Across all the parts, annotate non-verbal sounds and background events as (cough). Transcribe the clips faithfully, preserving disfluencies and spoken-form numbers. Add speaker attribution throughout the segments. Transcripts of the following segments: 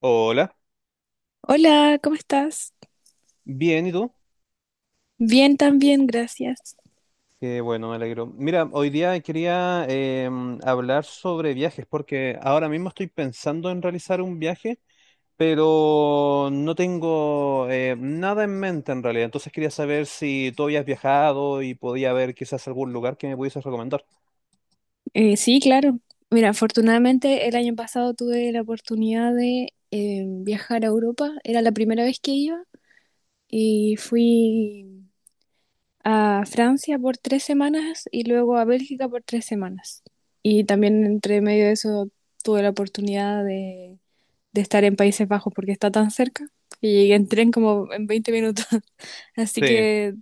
Speaker 1: Hola,
Speaker 2: Hola, ¿cómo estás?
Speaker 1: bien, ¿y tú?
Speaker 2: Bien, también, gracias.
Speaker 1: Qué bueno, me alegro. Mira, hoy día quería em, hablar sobre viajes porque ahora mismo estoy pensando en realizar un viaje, pero no tengo eh, nada en mente en realidad. Entonces quería saber si tú habías viajado y podía haber quizás algún lugar que me pudieses recomendar.
Speaker 2: Eh, sí, claro. Mira, afortunadamente el año pasado tuve la oportunidad de eh, viajar a Europa. Era la primera vez que iba y fui a Francia por tres semanas y luego a Bélgica por tres semanas. Y también entre medio de eso tuve la oportunidad de, de estar en Países Bajos porque está tan cerca que llegué en tren como en veinte minutos. (laughs) Así
Speaker 1: Sí,
Speaker 2: que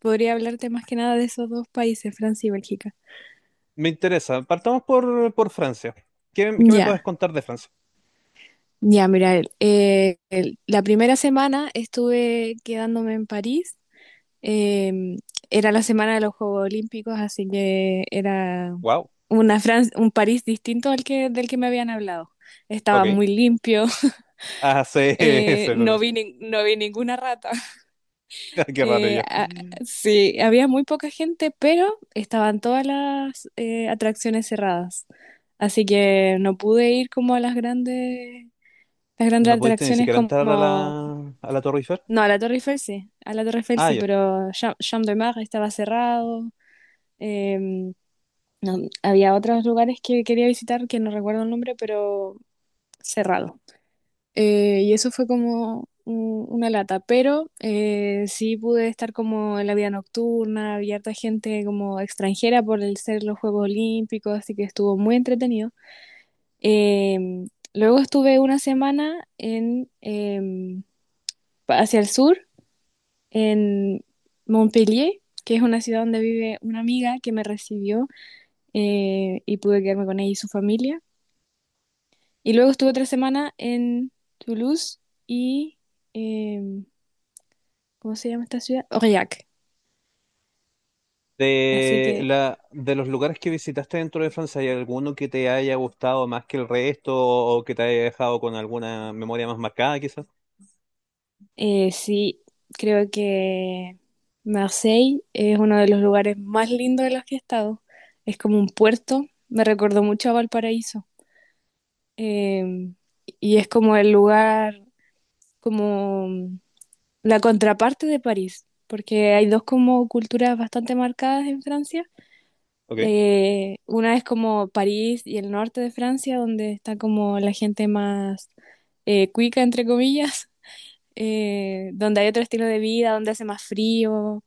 Speaker 2: podría hablarte más que nada de esos dos países, Francia y Bélgica.
Speaker 1: me interesa. Partamos por, por Francia. ¿Qué, qué me puedes
Speaker 2: Ya,
Speaker 1: contar de Francia?
Speaker 2: ya, mira, el- eh, el- la primera semana estuve quedándome en París. em, Era la semana de los Juegos Olímpicos, así que era
Speaker 1: Wow,
Speaker 2: una Fran- un París distinto al que, del que me habían hablado. Estaba
Speaker 1: ok.
Speaker 2: muy limpio. (laughs)
Speaker 1: Ah, sí, (laughs) sí,
Speaker 2: Eh,
Speaker 1: sí,
Speaker 2: no vi,
Speaker 1: sí.
Speaker 2: nin- no vi ninguna rata.
Speaker 1: (laughs) Qué raro
Speaker 2: Eh,
Speaker 1: ya.
Speaker 2: a- sí, había muy poca gente, pero estaban todas las eh, atracciones cerradas. Así que no pude ir como a las grandes, las
Speaker 1: No
Speaker 2: grandes
Speaker 1: pudiste ni
Speaker 2: atracciones
Speaker 1: siquiera entrar a
Speaker 2: como...
Speaker 1: la, a la Torre Eiffel.
Speaker 2: No, a la Torre Eiffel sí, a la Torre Eiffel
Speaker 1: Ah,
Speaker 2: sí,
Speaker 1: ya.
Speaker 2: pero Cha- Champ de Mars estaba cerrado. em, no, había otros lugares que quería visitar que no recuerdo el nombre, pero cerrado. Eh, y eso fue como un- una lata, pero eh, sí pude estar como en la vida nocturna, había harta gente como extranjera por el ser los Juegos Olímpicos, así que estuvo muy entretenido. Em, Luego estuve una semana en, em, pa- hacia el sur, en Montpellier, que es una ciudad donde vive una amiga que me recibió, eh, y pude quedarme con ella y su familia. Y luego estuve otra semana en Toulouse y... em, ¿cómo se llama esta ciudad? Aurillac. Así
Speaker 1: De,
Speaker 2: que
Speaker 1: la, de los lugares que visitaste dentro de Francia, ¿hay alguno que te haya gustado más que el resto o que te haya dejado con alguna memoria más marcada, quizás?
Speaker 2: eh, sí, creo que Marseille es uno de los lugares más lindos de los que he estado. Es como un puerto, me recordó mucho a Valparaíso. Eh, y es como el lugar, como la contraparte de París, porque hay dos como culturas bastante marcadas en Francia.
Speaker 1: Ok.
Speaker 2: Eh, una es como París y el norte de Francia, donde está como la gente más eh, cuica, entre comillas, eh, donde hay otro estilo de vida, donde hace más frío.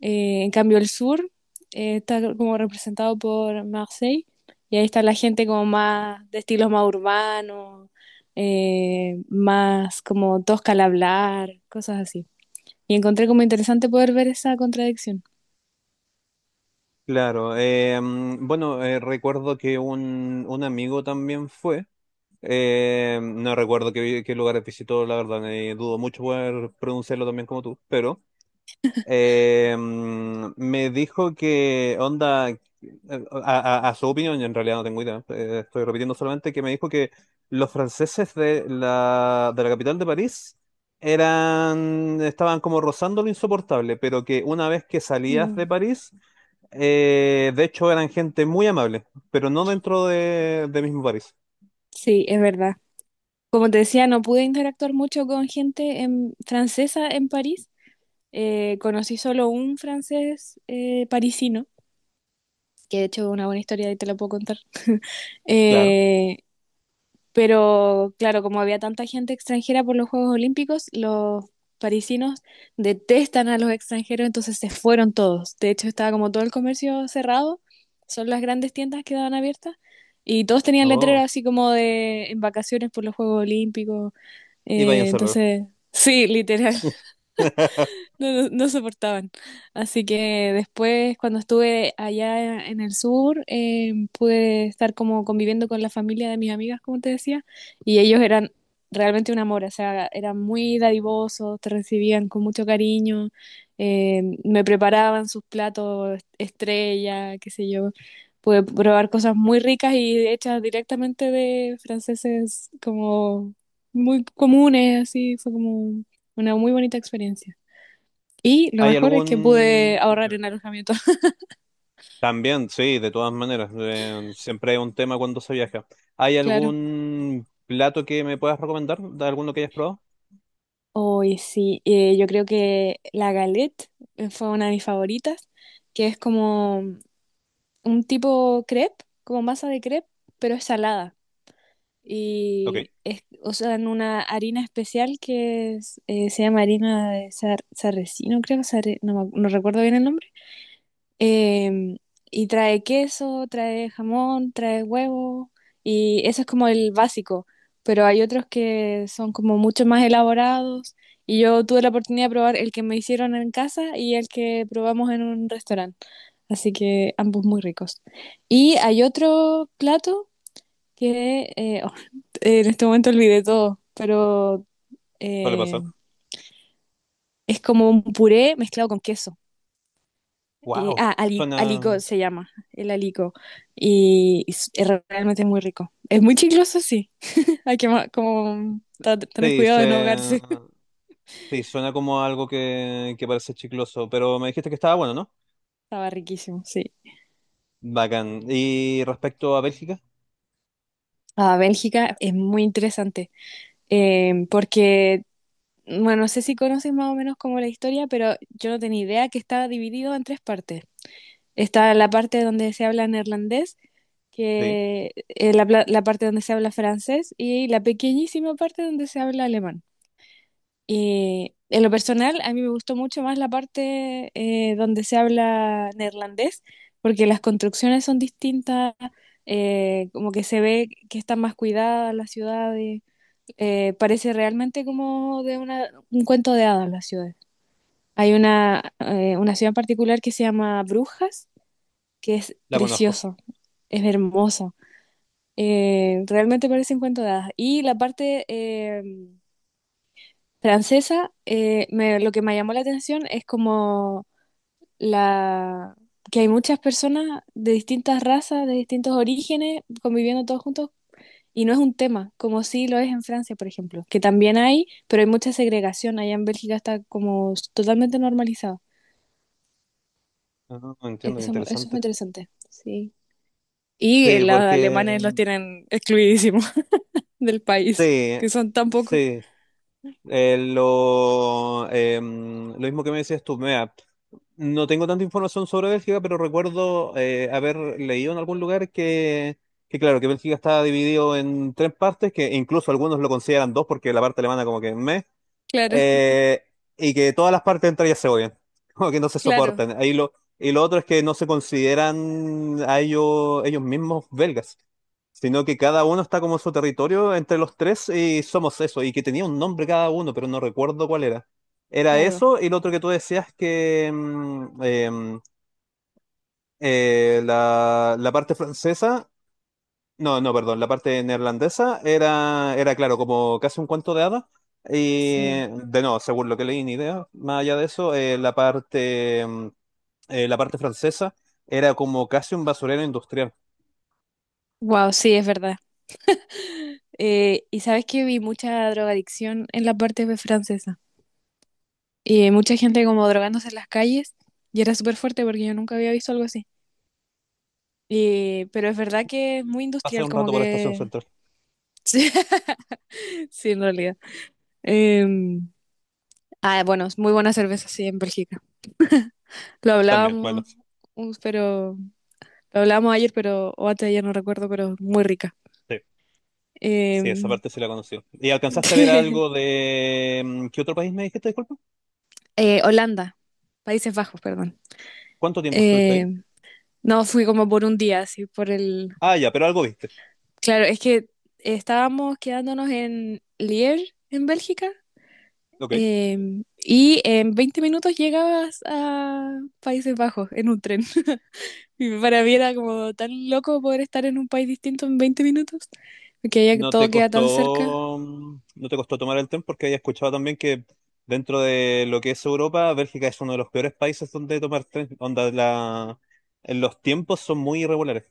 Speaker 2: Eh, en cambio, el sur eh, está como representado por Marseille y ahí está la gente como más de estilos más urbanos, eh, más como tosca al hablar, cosas así. Y encontré como interesante poder ver esa contradicción.
Speaker 1: Claro. eh, mm, bueno, eh, recuerdo que un, un amigo también fue. Eh, no recuerdo qué, qué lugares visitó, la verdad, eh, dudo mucho poder pronunciarlo también como tú, pero Eh, mm, me dijo que onda, eh, a, a- a su opinión, yo en realidad no tengo idea, eh, estoy repitiendo solamente que me dijo que los franceses de la, de la capital de París eran, estaban como rozando lo insoportable, pero que una vez que salías de
Speaker 2: Mm,
Speaker 1: París, eh, de hecho eran gente muy amable, pero no dentro de, de mismo París.
Speaker 2: sí, es verdad. Como te decía, no pude interactuar mucho con gente en- francesa en París. Eh, conocí solo un francés eh, parisino que de hecho es una buena historia y te la puedo contar. (laughs)
Speaker 1: Claro.
Speaker 2: Eh, pero claro, como había tanta gente extranjera por los Juegos Olímpicos, los parisinos detestan a los extranjeros, entonces se fueron todos. De hecho, estaba como todo el comercio cerrado, son las grandes tiendas que daban abiertas. Y todos tenían letreros
Speaker 1: Oh.
Speaker 2: así como de en vacaciones por los Juegos Olímpicos.
Speaker 1: Y
Speaker 2: Eh,
Speaker 1: váyanse luego.
Speaker 2: entonces, (laughs) sí, literal.
Speaker 1: (laughs)
Speaker 2: No, no, no soportaban. Así que después, cuando estuve allá en el sur, eh, pude estar como conviviendo con la familia de mis amigas, como te decía, y ellos eran realmente un amor, o sea, eran muy dadivosos, te recibían con mucho cariño, eh, me preparaban sus platos estrella, qué sé yo. Pude probar cosas muy ricas y hechas directamente de franceses como muy comunes, así, fue como una muy bonita experiencia. Y lo
Speaker 1: ¿Hay
Speaker 2: mejor es que pude
Speaker 1: algún...
Speaker 2: ahorrar en alojamiento. (laughs)
Speaker 1: También, sí, de todas maneras, eh, siempre es un tema cuando se viaja. ¿Hay
Speaker 2: Claro.
Speaker 1: algún plato que me puedas recomendar? ¿De alguno que hayas probado?
Speaker 2: Hoy sí, eh, yo creo que la galette eh, fue una de mis favoritas, que es como un tipo crepe, como masa de crepe, pero es salada.
Speaker 1: Ok,
Speaker 2: Y es, o sea, en una harina especial que es, eh, se llama harina de sar- sarracino, creo, sarre- no, me ac- no recuerdo bien el nombre. Em, y trae queso, trae jamón, trae huevo, y eso es como el básico, pero hay otros que son como mucho más elaborados, y yo tuve la oportunidad de probar el que me hicieron en casa y el que probamos en un restaurante, así que ambos muy ricos. Y hay otro plato que eh, oh, (laughs) en este momento olvidé todo, pero
Speaker 1: suele
Speaker 2: eh,
Speaker 1: pasar.
Speaker 2: es como un puré mezclado con queso. Y,
Speaker 1: Wow,
Speaker 2: ah, ali- aligo
Speaker 1: suena...
Speaker 2: se llama, el aligo. Y es, es realmente muy rico. Es muy chicloso, sí. (laughs) Hay que ma- como ta- tener
Speaker 1: Sí,
Speaker 2: cuidado de no
Speaker 1: se-
Speaker 2: ahogarse. (laughs)
Speaker 1: sí, suena como algo que, que parece chicloso, pero me dijiste que estaba bueno, ¿no?
Speaker 2: Estaba riquísimo, sí.
Speaker 1: Bacán. ¿Y respecto a Bélgica?
Speaker 2: Ah, Bélgica es muy interesante. Eh, porque, bueno, no sé si conoces más o menos como la historia, pero yo no tenía idea que estaba dividido en tres partes. Está la parte donde se habla neerlandés,
Speaker 1: Sí,
Speaker 2: que, eh, la pla- la parte donde se habla francés y la pequeñísima parte donde se habla alemán. Y en lo personal, a mí me gustó mucho más la parte eh, donde se habla neerlandés, porque las construcciones son distintas, eh, como que se ve que están más cuidadas las ciudades, eh, parece realmente como de una, un cuento de hadas las ciudades. Hay una, eh, una ciudad en particular que se llama Brujas, que es
Speaker 1: la conozco.
Speaker 2: precioso, es hermoso, eh, realmente parece un cuento de hadas. Y la parte... em, francesa, eh, me- lo que me llamó la atención es como la que hay muchas personas de distintas razas, de distintos orígenes, conviviendo todos juntos, y no es un tema, como sí lo es en Francia, por ejemplo, que también hay, pero hay mucha segregación. Allá en Bélgica está como s- totalmente normalizado.
Speaker 1: Ah, entiendo, qué
Speaker 2: Eso, eso fue
Speaker 1: interesante.
Speaker 2: interesante, sí. Y eh,
Speaker 1: Sí,
Speaker 2: los
Speaker 1: porque...
Speaker 2: alemanes los tienen excluidísimos (laughs) del país,
Speaker 1: Sí,
Speaker 2: que son tan pocos.
Speaker 1: sí. Eh, lo, em, lo mismo que me decías tú, mira, no tengo tanta información sobre Bélgica, pero recuerdo eh, haber leído en algún lugar que, que, claro, que Bélgica está dividido en tres partes, que incluso algunos lo consideran dos porque la parte alemana como que meh,
Speaker 2: Claro,
Speaker 1: eh, y que todas las partes entre ellas se odian, (laughs) como que no se
Speaker 2: claro,
Speaker 1: soportan. Ahí lo, y lo otro es que no se consideran a ellos, ellos mismos belgas, sino que cada uno está como en su territorio entre los tres y somos eso, y que tenía un nombre cada uno, pero no recuerdo cuál era. Era
Speaker 2: claro.
Speaker 1: eso y lo otro que tú decías que mm, em, eh, la, la parte francesa no, no, perdón, la parte neerlandesa era, era claro, como casi un cuento de hadas. Y
Speaker 2: Sí.
Speaker 1: de no, según lo que leí, ni idea. Más allá de eso, eh, la parte, mm, eh, la parte francesa era como casi un basurero industrial.
Speaker 2: Wow, sí, es verdad. Eh, y sabes que vi mucha drogadicción en la parte de francesa. Y mucha gente como drogándose en las calles. Y era súper fuerte porque yo nunca había visto algo así. Y pero es verdad que es muy
Speaker 1: Pasé
Speaker 2: industrial,
Speaker 1: un
Speaker 2: como
Speaker 1: rato por Estación
Speaker 2: que...
Speaker 1: Central.
Speaker 2: (laughs) Sí, sí, en realidad. Em, ah, bueno, es muy buena cerveza, sí, en Bélgica. Lo
Speaker 1: También, bueno,
Speaker 2: hablábamos, uh, pero... Lo hablábamos ayer, pero... O antes de ayer, no recuerdo, pero muy rica.
Speaker 1: sí, sí, esa
Speaker 2: Em,
Speaker 1: parte sí la conocí. ¿Y alcanzaste a ver algo
Speaker 2: (laughs)
Speaker 1: de... mm, ¿Qué otro país me dijiste, disculpa?
Speaker 2: eh, Holanda. Países Bajos, perdón.
Speaker 1: ¿Cuánto tiempo estuviste
Speaker 2: Eh,
Speaker 1: ahí?
Speaker 2: no, fui como por un día, así, por el,
Speaker 1: Ah, ya, pero algo viste.
Speaker 2: claro, es que estábamos quedándonos en Lier, en Bélgica,
Speaker 1: Ok.
Speaker 2: em, y en veinte minutos llegabas a Países Bajos en un tren. (laughs) Y para mí era como tan loco poder estar en un país distinto en veinte minutos, porque allá
Speaker 1: No
Speaker 2: todo
Speaker 1: te
Speaker 2: queda tan cerca.
Speaker 1: costó, mm, no te costó tomar el tren porque había escuchado también que dentro de lo que es Europa, Bélgica es uno de los peores países donde tomar tren, onda la, los tiempos son muy irregulares,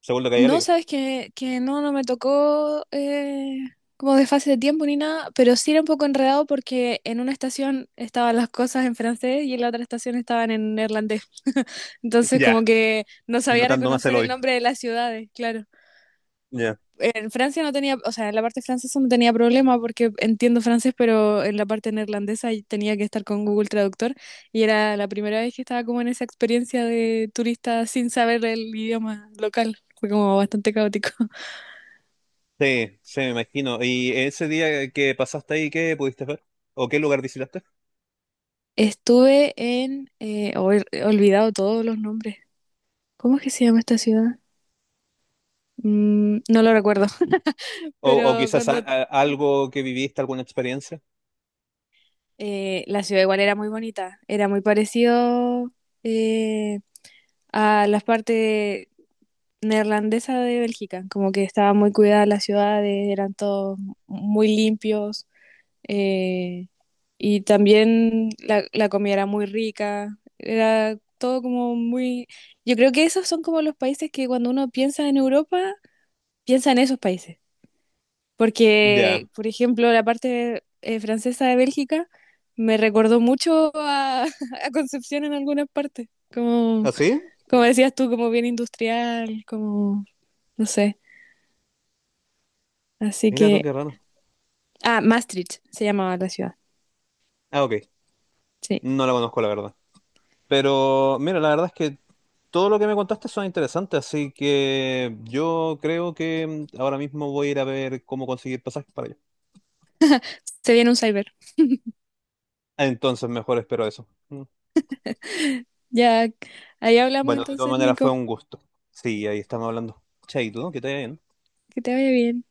Speaker 1: según lo que había
Speaker 2: No,
Speaker 1: leído.
Speaker 2: sabes que, que no, no me tocó eh, como de fase de tiempo ni nada, pero sí era un poco enredado porque en una estación estaban las cosas en francés y en la otra estación estaban en neerlandés. (laughs) Entonces
Speaker 1: Ya.
Speaker 2: como que no sabía
Speaker 1: Notando más el
Speaker 2: reconocer el
Speaker 1: odio.
Speaker 2: nombre de las ciudades, claro.
Speaker 1: Ya.
Speaker 2: En Francia no tenía, o sea, en la parte francesa no tenía problema porque entiendo francés, pero en la parte neerlandesa ahí tenía que estar con Google Traductor y era la primera vez que estaba como en esa experiencia de turista sin saber el idioma local. Fue como bastante caótico.
Speaker 1: Sí, sí, me imagino. ¿Y ese día que pasaste ahí, qué pudiste ver? ¿O qué lugar visitaste?
Speaker 2: Estuve en... eh, oh, he olvidado todos los nombres. ¿Cómo es que se llama esta ciudad? Mm, no lo recuerdo. (laughs)
Speaker 1: ¿O, o
Speaker 2: Pero
Speaker 1: quizás
Speaker 2: cuando...
Speaker 1: a- a- algo que viviste, alguna experiencia?
Speaker 2: eh, la ciudad igual era muy bonita. Era muy parecido, eh, a las partes neerlandesas de Bélgica. Como que estaba muy cuidada la ciudad, eran todos muy limpios. eh, y también la, la comida era muy rica, era todo como muy... Yo creo que esos son como los países que cuando uno piensa en Europa, piensa en esos países.
Speaker 1: Ya.
Speaker 2: Porque, por ejemplo, la parte eh, francesa de Bélgica me recordó mucho a, (laughs) a Concepción en algunas partes. Como,
Speaker 1: ¿Así?
Speaker 2: como decías tú, como bien industrial, como, no sé. Así
Speaker 1: Mira tú,
Speaker 2: que...
Speaker 1: qué raro.
Speaker 2: Ah, Maastricht se llamaba la ciudad.
Speaker 1: Ah, ok.
Speaker 2: Sí.
Speaker 1: No la conozco, la verdad. Pero mira, la verdad es que todo lo que me contaste son interesantes, así que yo creo que mm, ahora mismo voy a ir a ver cómo conseguir pasajes para allá.
Speaker 2: Se viene un cyber.
Speaker 1: Entonces, mejor espero eso. Mm.
Speaker 2: Ya, ahí hablamos
Speaker 1: Bueno, de todas
Speaker 2: entonces,
Speaker 1: maneras fue
Speaker 2: Nico.
Speaker 1: un gusto. Sí, ahí estamos hablando. Chaito, ¿no? que te vaya bien.
Speaker 2: Que te vaya bien.